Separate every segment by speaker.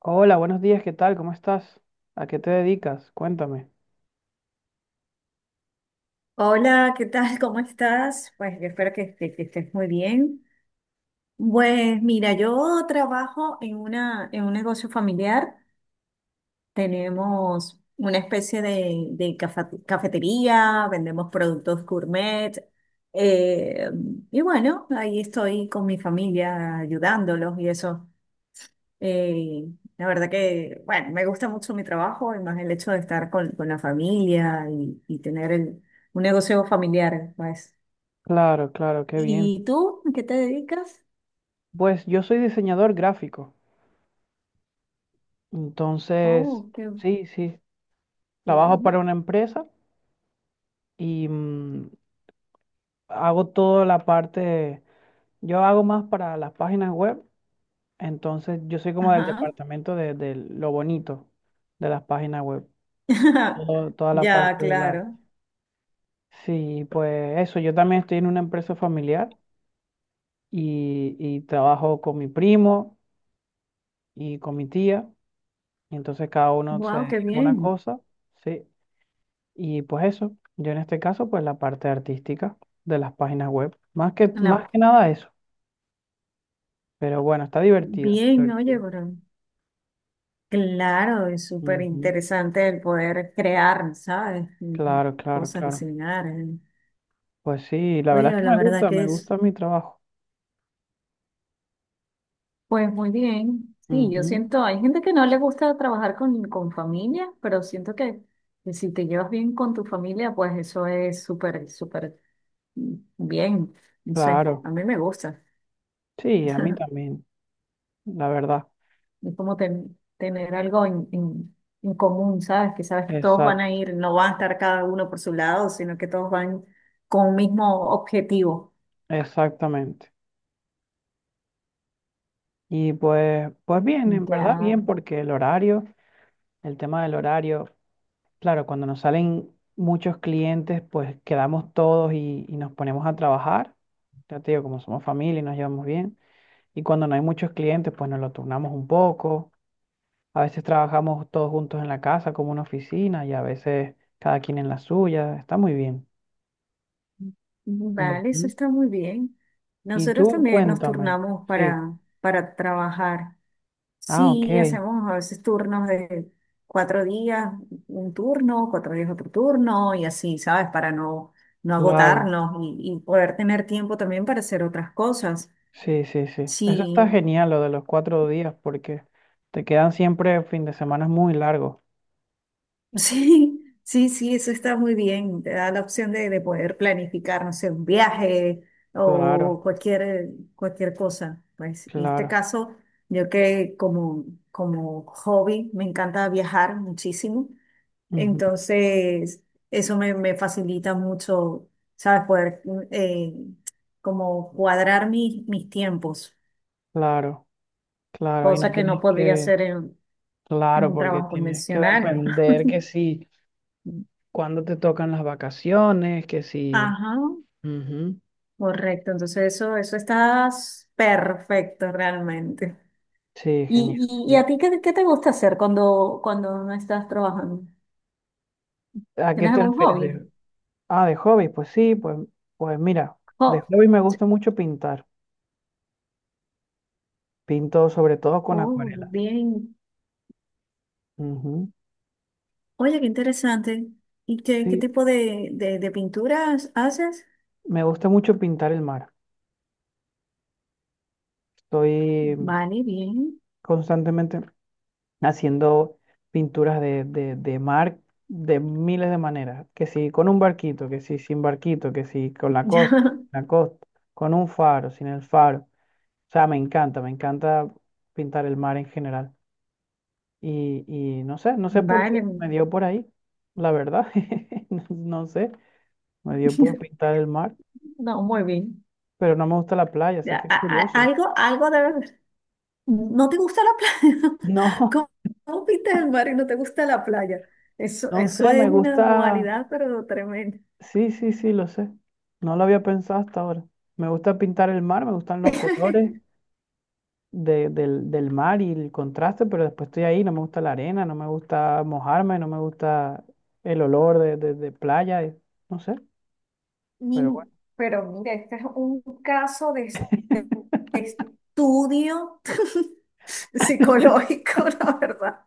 Speaker 1: Hola, buenos días, ¿qué tal? ¿Cómo estás? ¿A qué te dedicas? Cuéntame.
Speaker 2: Hola, ¿qué tal? ¿Cómo estás? Pues yo espero que, que estés muy bien. Pues mira, yo trabajo en una, en un negocio familiar. Tenemos una especie de, de cafetería, vendemos productos gourmet. eh, y bueno, ahí estoy con mi familia ayudándolos y eso. Eh, la verdad que, bueno, me gusta mucho mi trabajo y más el hecho de estar con la familia y tener el, un negocio familiar, pues.
Speaker 1: Claro, claro, qué bien.
Speaker 2: ¿Y tú? ¿A qué te dedicas?
Speaker 1: Pues yo soy diseñador gráfico, entonces,
Speaker 2: Oh, qué,
Speaker 1: sí, sí, trabajo
Speaker 2: bien.
Speaker 1: para una empresa y hago toda la parte, yo hago más para las páginas web, entonces yo soy como del
Speaker 2: Ajá.
Speaker 1: departamento de lo bonito de las páginas web, toda la
Speaker 2: Ya,
Speaker 1: parte del arte.
Speaker 2: claro.
Speaker 1: Sí, pues eso, yo también estoy en una empresa familiar y trabajo con mi primo y con mi tía, y entonces cada uno se
Speaker 2: Wow, qué
Speaker 1: dedica a una
Speaker 2: bien.
Speaker 1: cosa, ¿sí? Y pues eso, yo en este caso, pues la parte artística de las páginas web, más
Speaker 2: La-
Speaker 1: que nada eso, pero bueno, está divertido,
Speaker 2: Bien, oye,
Speaker 1: divertido.
Speaker 2: pero claro, es súper
Speaker 1: Ujú.
Speaker 2: interesante el poder crear, ¿sabes?
Speaker 1: Claro, claro,
Speaker 2: Cosas,
Speaker 1: claro.
Speaker 2: diseñar.
Speaker 1: Pues sí, la verdad
Speaker 2: Oye,
Speaker 1: es que
Speaker 2: la verdad que
Speaker 1: me
Speaker 2: es...
Speaker 1: gusta mi trabajo.
Speaker 2: pues muy bien. Sí, yo
Speaker 1: Ujú.
Speaker 2: siento, hay gente que no le gusta trabajar con familia, pero siento que si te llevas bien con tu familia, pues eso es súper, súper bien, no sé,
Speaker 1: Claro,
Speaker 2: a mí me gusta.
Speaker 1: sí, a mí también, la verdad.
Speaker 2: Es como tener algo en, en en común, ¿sabes? Que sabes que todos van a
Speaker 1: Exact-
Speaker 2: ir, no van a estar cada uno por su lado, sino que todos van con un mismo objetivo.
Speaker 1: Exactamente. Y pues, pues bien, en verdad
Speaker 2: Ya,
Speaker 1: bien, porque el horario, el tema del horario. Claro, cuando nos salen muchos clientes, pues quedamos todos y nos ponemos a trabajar. Ya te digo, como somos familia y nos llevamos bien. Y cuando no hay muchos clientes, pues nos lo turnamos un poco. A veces trabajamos todos juntos en la casa como una oficina y a veces cada quien en la suya. Está muy bien.
Speaker 2: vale, eso
Speaker 1: Ujú.
Speaker 2: está muy bien.
Speaker 1: Y
Speaker 2: Nosotros
Speaker 1: tú
Speaker 2: también nos
Speaker 1: cuéntame.
Speaker 2: turnamos
Speaker 1: Sí.
Speaker 2: para trabajar.
Speaker 1: Ah, ok.
Speaker 2: Sí, hacemos a veces turnos de cuatro días un turno, cuatro días otro turno y así, ¿sabes? Para no, no
Speaker 1: Claro.
Speaker 2: agotarnos y poder tener tiempo también para hacer otras cosas.
Speaker 1: Sí, sí, sí. Eso
Speaker 2: Sí,
Speaker 1: está genial, lo de los 4 días, porque te quedan siempre fin de semana muy largos.
Speaker 2: sí, sí, sí, eso está muy bien. Te da la opción de poder planificar, no sé, un viaje
Speaker 1: Claro,
Speaker 2: o cualquier, cualquier cosa. Pues en este
Speaker 1: claro.
Speaker 2: caso, yo que como, como hobby me encanta viajar muchísimo.
Speaker 1: Ujú.
Speaker 2: Entonces, eso me, me facilita mucho, ¿sabes? Poder como cuadrar mis, mis tiempos,
Speaker 1: Claro, claro, ahí no
Speaker 2: cosa que
Speaker 1: tienes
Speaker 2: no podría hacer en
Speaker 1: claro,
Speaker 2: un
Speaker 1: porque
Speaker 2: trabajo
Speaker 1: tienes que
Speaker 2: convencional.
Speaker 1: depender que si, cuando te tocan las vacaciones, que si,
Speaker 2: Ajá,
Speaker 1: ujú.
Speaker 2: correcto. Entonces, eso estás perfecto realmente.
Speaker 1: Sí, genial.
Speaker 2: Y a ti qué, qué te gusta hacer cuando, cuando no estás trabajando?
Speaker 1: ¿A qué
Speaker 2: ¿Tienes
Speaker 1: te
Speaker 2: algún
Speaker 1: refieres
Speaker 2: hobby?
Speaker 1: de, ah, de hobby? Pues sí, pues, pues mira,
Speaker 2: Jo-
Speaker 1: de hobby me gusta mucho pintar, pinto sobre todo con
Speaker 2: Oh,
Speaker 1: acuarelas.
Speaker 2: bien.
Speaker 1: Ujú.
Speaker 2: Oye, qué interesante. ¿Y qué, qué
Speaker 1: Sí,
Speaker 2: tipo de pinturas haces?
Speaker 1: me gusta mucho pintar el mar, estoy
Speaker 2: Vale, bien.
Speaker 1: constantemente haciendo pinturas de mar de miles de maneras, que si con un barquito, que si sin barquito, que si con
Speaker 2: Ya,
Speaker 1: la costa, con un faro, sin el faro. O sea, me encanta pintar el mar en general. Y no sé, no sé por qué,
Speaker 2: vale.
Speaker 1: me dio por ahí, la verdad, no sé, me dio por pintar el mar,
Speaker 2: No, muy bien.
Speaker 1: pero no me gusta la playa, así
Speaker 2: Ya,
Speaker 1: que es curioso.
Speaker 2: algo, algo de ver. ¿No te gusta la playa?
Speaker 1: No,
Speaker 2: ¿Cómo, cómo pintas el mar y no te gusta la playa? Eso,
Speaker 1: no
Speaker 2: eso
Speaker 1: sé,
Speaker 2: es
Speaker 1: me
Speaker 2: una
Speaker 1: gusta...
Speaker 2: dualidad, pero tremenda.
Speaker 1: Sí, sí, sí, lo sé. No lo había pensado hasta ahora. Me gusta pintar el mar, me gustan los colores del mar y el contraste, pero después estoy ahí, no me gusta la arena, no me gusta mojarme, no me gusta el olor de playa, no sé, pero
Speaker 2: Mi-
Speaker 1: bueno,
Speaker 2: pero mira, este es un caso de, de de Estudio psicológico, la verdad.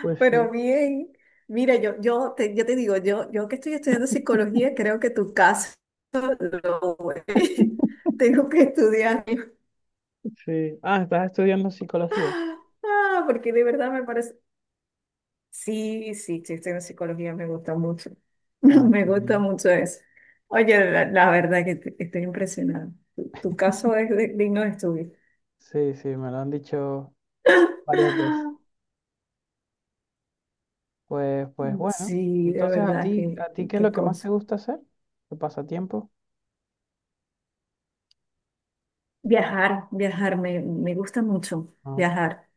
Speaker 1: pues
Speaker 2: Pero
Speaker 1: sí,
Speaker 2: bien, mira, yo, yo te digo, yo que estoy estudiando psicología, creo que tu caso lo tengo que estudiar.
Speaker 1: sí. Ah, estás estudiando psicología.
Speaker 2: Ah, porque de verdad me parece. Sí, sí, sí, estoy en psicología, me gusta mucho.
Speaker 1: Ah,
Speaker 2: Me
Speaker 1: qué
Speaker 2: gusta
Speaker 1: bien.
Speaker 2: mucho eso. Oye, la verdad que estoy impresionada. Tu caso es digno de estudio.
Speaker 1: Sí, sí, me lo han dicho varias veces. Pues, pues bueno,
Speaker 2: Sí, de
Speaker 1: entonces
Speaker 2: verdad, qué,
Speaker 1: ¿a ti
Speaker 2: qué
Speaker 1: qué es lo
Speaker 2: qué
Speaker 1: que más te
Speaker 2: cosa.
Speaker 1: gusta hacer? ¿Tu pasatiempo?
Speaker 2: Viajar, viajar, me gusta mucho
Speaker 1: Ah,
Speaker 2: viajar.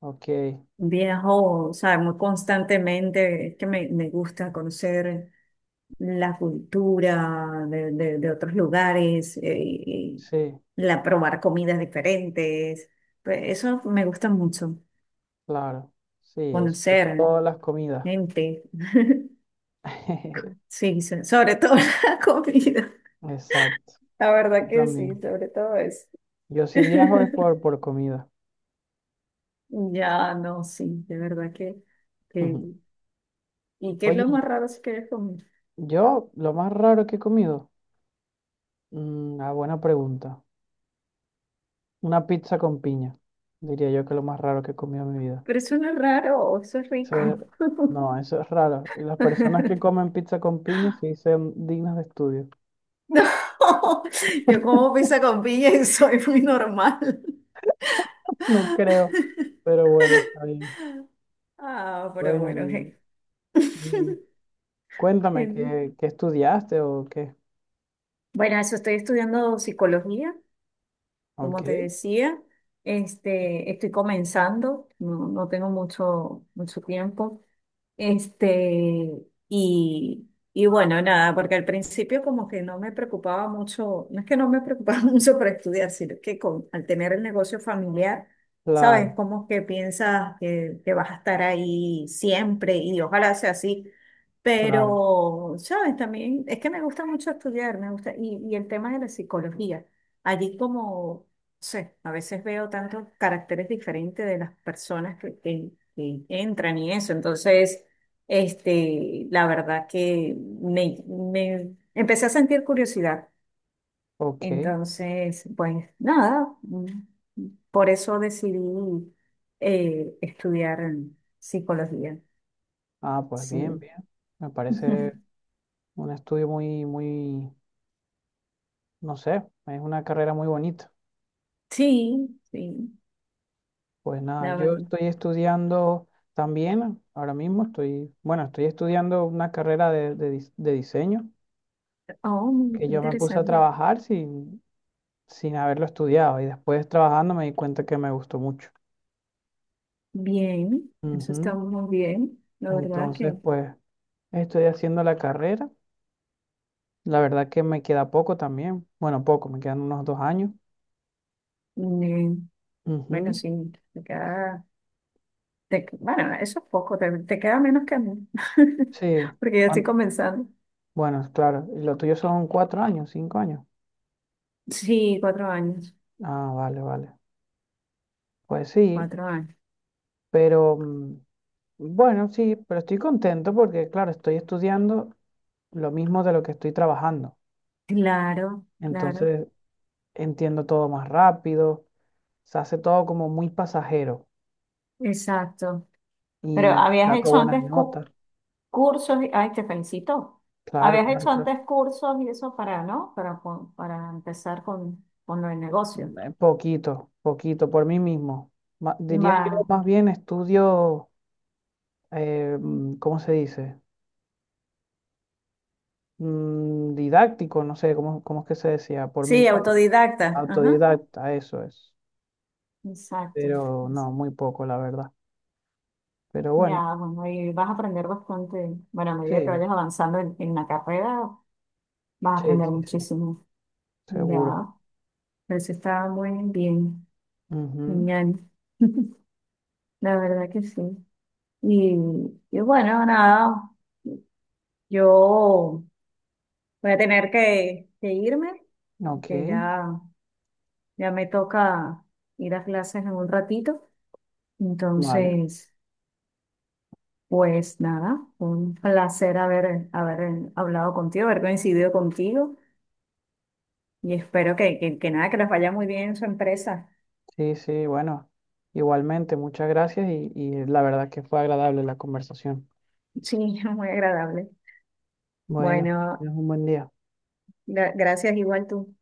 Speaker 1: ok,
Speaker 2: Viajo, o sea, muy constantemente, es que me gusta conocer la cultura de, de de otros lugares, y
Speaker 1: sí.
Speaker 2: la probar comidas diferentes, pues eso me gusta mucho,
Speaker 1: Claro, sí, sobre
Speaker 2: conocer
Speaker 1: todo las comidas.
Speaker 2: gente, sí, sobre todo la comida,
Speaker 1: Exacto,
Speaker 2: la verdad
Speaker 1: yo
Speaker 2: que sí,
Speaker 1: también.
Speaker 2: sobre todo eso.
Speaker 1: Yo si viajo es por comida.
Speaker 2: Ya, no, sí, de verdad que,
Speaker 1: Ujú.
Speaker 2: ¿y qué es lo
Speaker 1: Oye,
Speaker 2: más raro si quieres comer?
Speaker 1: yo lo más raro que he comido, ah, buena pregunta. Una pizza con piña, diría yo que lo más raro que he comido en mi vida.
Speaker 2: Pero eso no es raro, eso es rico.
Speaker 1: Eso es- no, eso es raro. Y las personas que comen pizza con piña sí son dignas de estudio.
Speaker 2: No, yo como pizza con piña y soy muy normal.
Speaker 1: No creo, pero bueno, está bien.
Speaker 2: Ah, pero
Speaker 1: Bueno,
Speaker 2: bueno,
Speaker 1: y cuéntame,
Speaker 2: en-
Speaker 1: ¿qué, qué estudiaste o qué?
Speaker 2: bueno, eso estoy estudiando psicología, como
Speaker 1: Ok.
Speaker 2: te decía, este, estoy comenzando, no, no tengo mucho, mucho tiempo. Este, y bueno, nada, porque al principio como que no me preocupaba mucho, no es que no me preocupaba mucho para estudiar, sino que con, al tener el negocio familiar, sabes,
Speaker 1: Claro,
Speaker 2: como que piensas que vas a estar ahí siempre y ojalá sea así,
Speaker 1: claro.
Speaker 2: pero, sabes, también es que me gusta mucho estudiar, me gusta, y el tema de la psicología, allí como, no sé, a veces veo tantos caracteres diferentes de las personas que, que entran y eso, entonces... Este, la verdad que me empecé a sentir curiosidad.
Speaker 1: Ok.
Speaker 2: Entonces, pues nada, por eso decidí estudiar psicología.
Speaker 1: Ah, pues bien,
Speaker 2: Sí.
Speaker 1: bien. Me parece un estudio muy, muy, no sé, es una carrera muy bonita.
Speaker 2: Sí, sí,
Speaker 1: Pues nada,
Speaker 2: la
Speaker 1: yo
Speaker 2: verdad.
Speaker 1: estoy estudiando también, ahora mismo estoy, bueno, estoy estudiando una carrera de, de diseño
Speaker 2: Oh, muy
Speaker 1: que yo me puse a
Speaker 2: interesante.
Speaker 1: trabajar sin, sin haberlo estudiado y después trabajando me di cuenta que me gustó mucho.
Speaker 2: Bien, eso está
Speaker 1: Ujú.
Speaker 2: muy bien. La verdad
Speaker 1: Entonces,
Speaker 2: que,
Speaker 1: pues estoy haciendo la carrera. La verdad que me queda poco también. Bueno, poco, me quedan unos 2 años.
Speaker 2: mm, bueno,
Speaker 1: Ujú.
Speaker 2: sí, te queda, bueno, eso es poco, te queda menos que a mí,
Speaker 1: Sí.
Speaker 2: porque ya
Speaker 1: Ah,
Speaker 2: estoy comenzando.
Speaker 1: bueno, claro. Y lo tuyo son 4 años, 5 años.
Speaker 2: Sí, cuatro años,
Speaker 1: Ah, vale, vale. Pues sí,
Speaker 2: cuatro años.
Speaker 1: pero bueno, sí, pero estoy contento porque, claro, estoy estudiando lo mismo de lo que estoy trabajando.
Speaker 2: Claro, claro,
Speaker 1: Entonces entiendo todo más rápido, se hace todo como muy pasajero
Speaker 2: exacto. Pero
Speaker 1: y
Speaker 2: habías
Speaker 1: saco
Speaker 2: hecho
Speaker 1: buenas
Speaker 2: antes
Speaker 1: notas.
Speaker 2: cursos, ay, te felicito.
Speaker 1: Claro,
Speaker 2: Habías
Speaker 1: claro,
Speaker 2: hecho
Speaker 1: claro.
Speaker 2: antes cursos y eso para, ¿no? Para, para empezar con el negocio.
Speaker 1: Poquito, poquito, por mí mismo. Diría
Speaker 2: Va,
Speaker 1: yo, más bien estudio, ¿cómo se dice? Didáctico, no sé cómo, cómo es que se decía, por mi
Speaker 2: sí,
Speaker 1: cuenta,
Speaker 2: autodidacta. Ajá.
Speaker 1: autodidacta, eso es.
Speaker 2: Exacto.
Speaker 1: Pero no, muy poco, la verdad. Pero bueno,
Speaker 2: Ya, bueno, y vas a aprender bastante. Bueno, a medida que
Speaker 1: sí,
Speaker 2: vayas avanzando en la carrera, vas a
Speaker 1: sí,
Speaker 2: aprender
Speaker 1: sí, sí,
Speaker 2: muchísimo. Ya,
Speaker 1: seguro.
Speaker 2: pero eso está muy bien,
Speaker 1: Ujú.
Speaker 2: genial. La verdad que sí. Y, y bueno, nada, yo voy a tener que irme,
Speaker 1: Ok,
Speaker 2: porque ya, ya me toca ir a clases en un ratito.
Speaker 1: vale.
Speaker 2: Entonces, pues nada, un placer haber, haber hablado contigo, haber coincidido contigo y espero que nada, que les vaya muy bien en su empresa.
Speaker 1: Sí, sí, bueno, igualmente, muchas gracias y la verdad que fue agradable la conversación.
Speaker 2: Sí, muy agradable.
Speaker 1: Bueno, es
Speaker 2: Bueno,
Speaker 1: un buen día.
Speaker 2: gracias igual tú.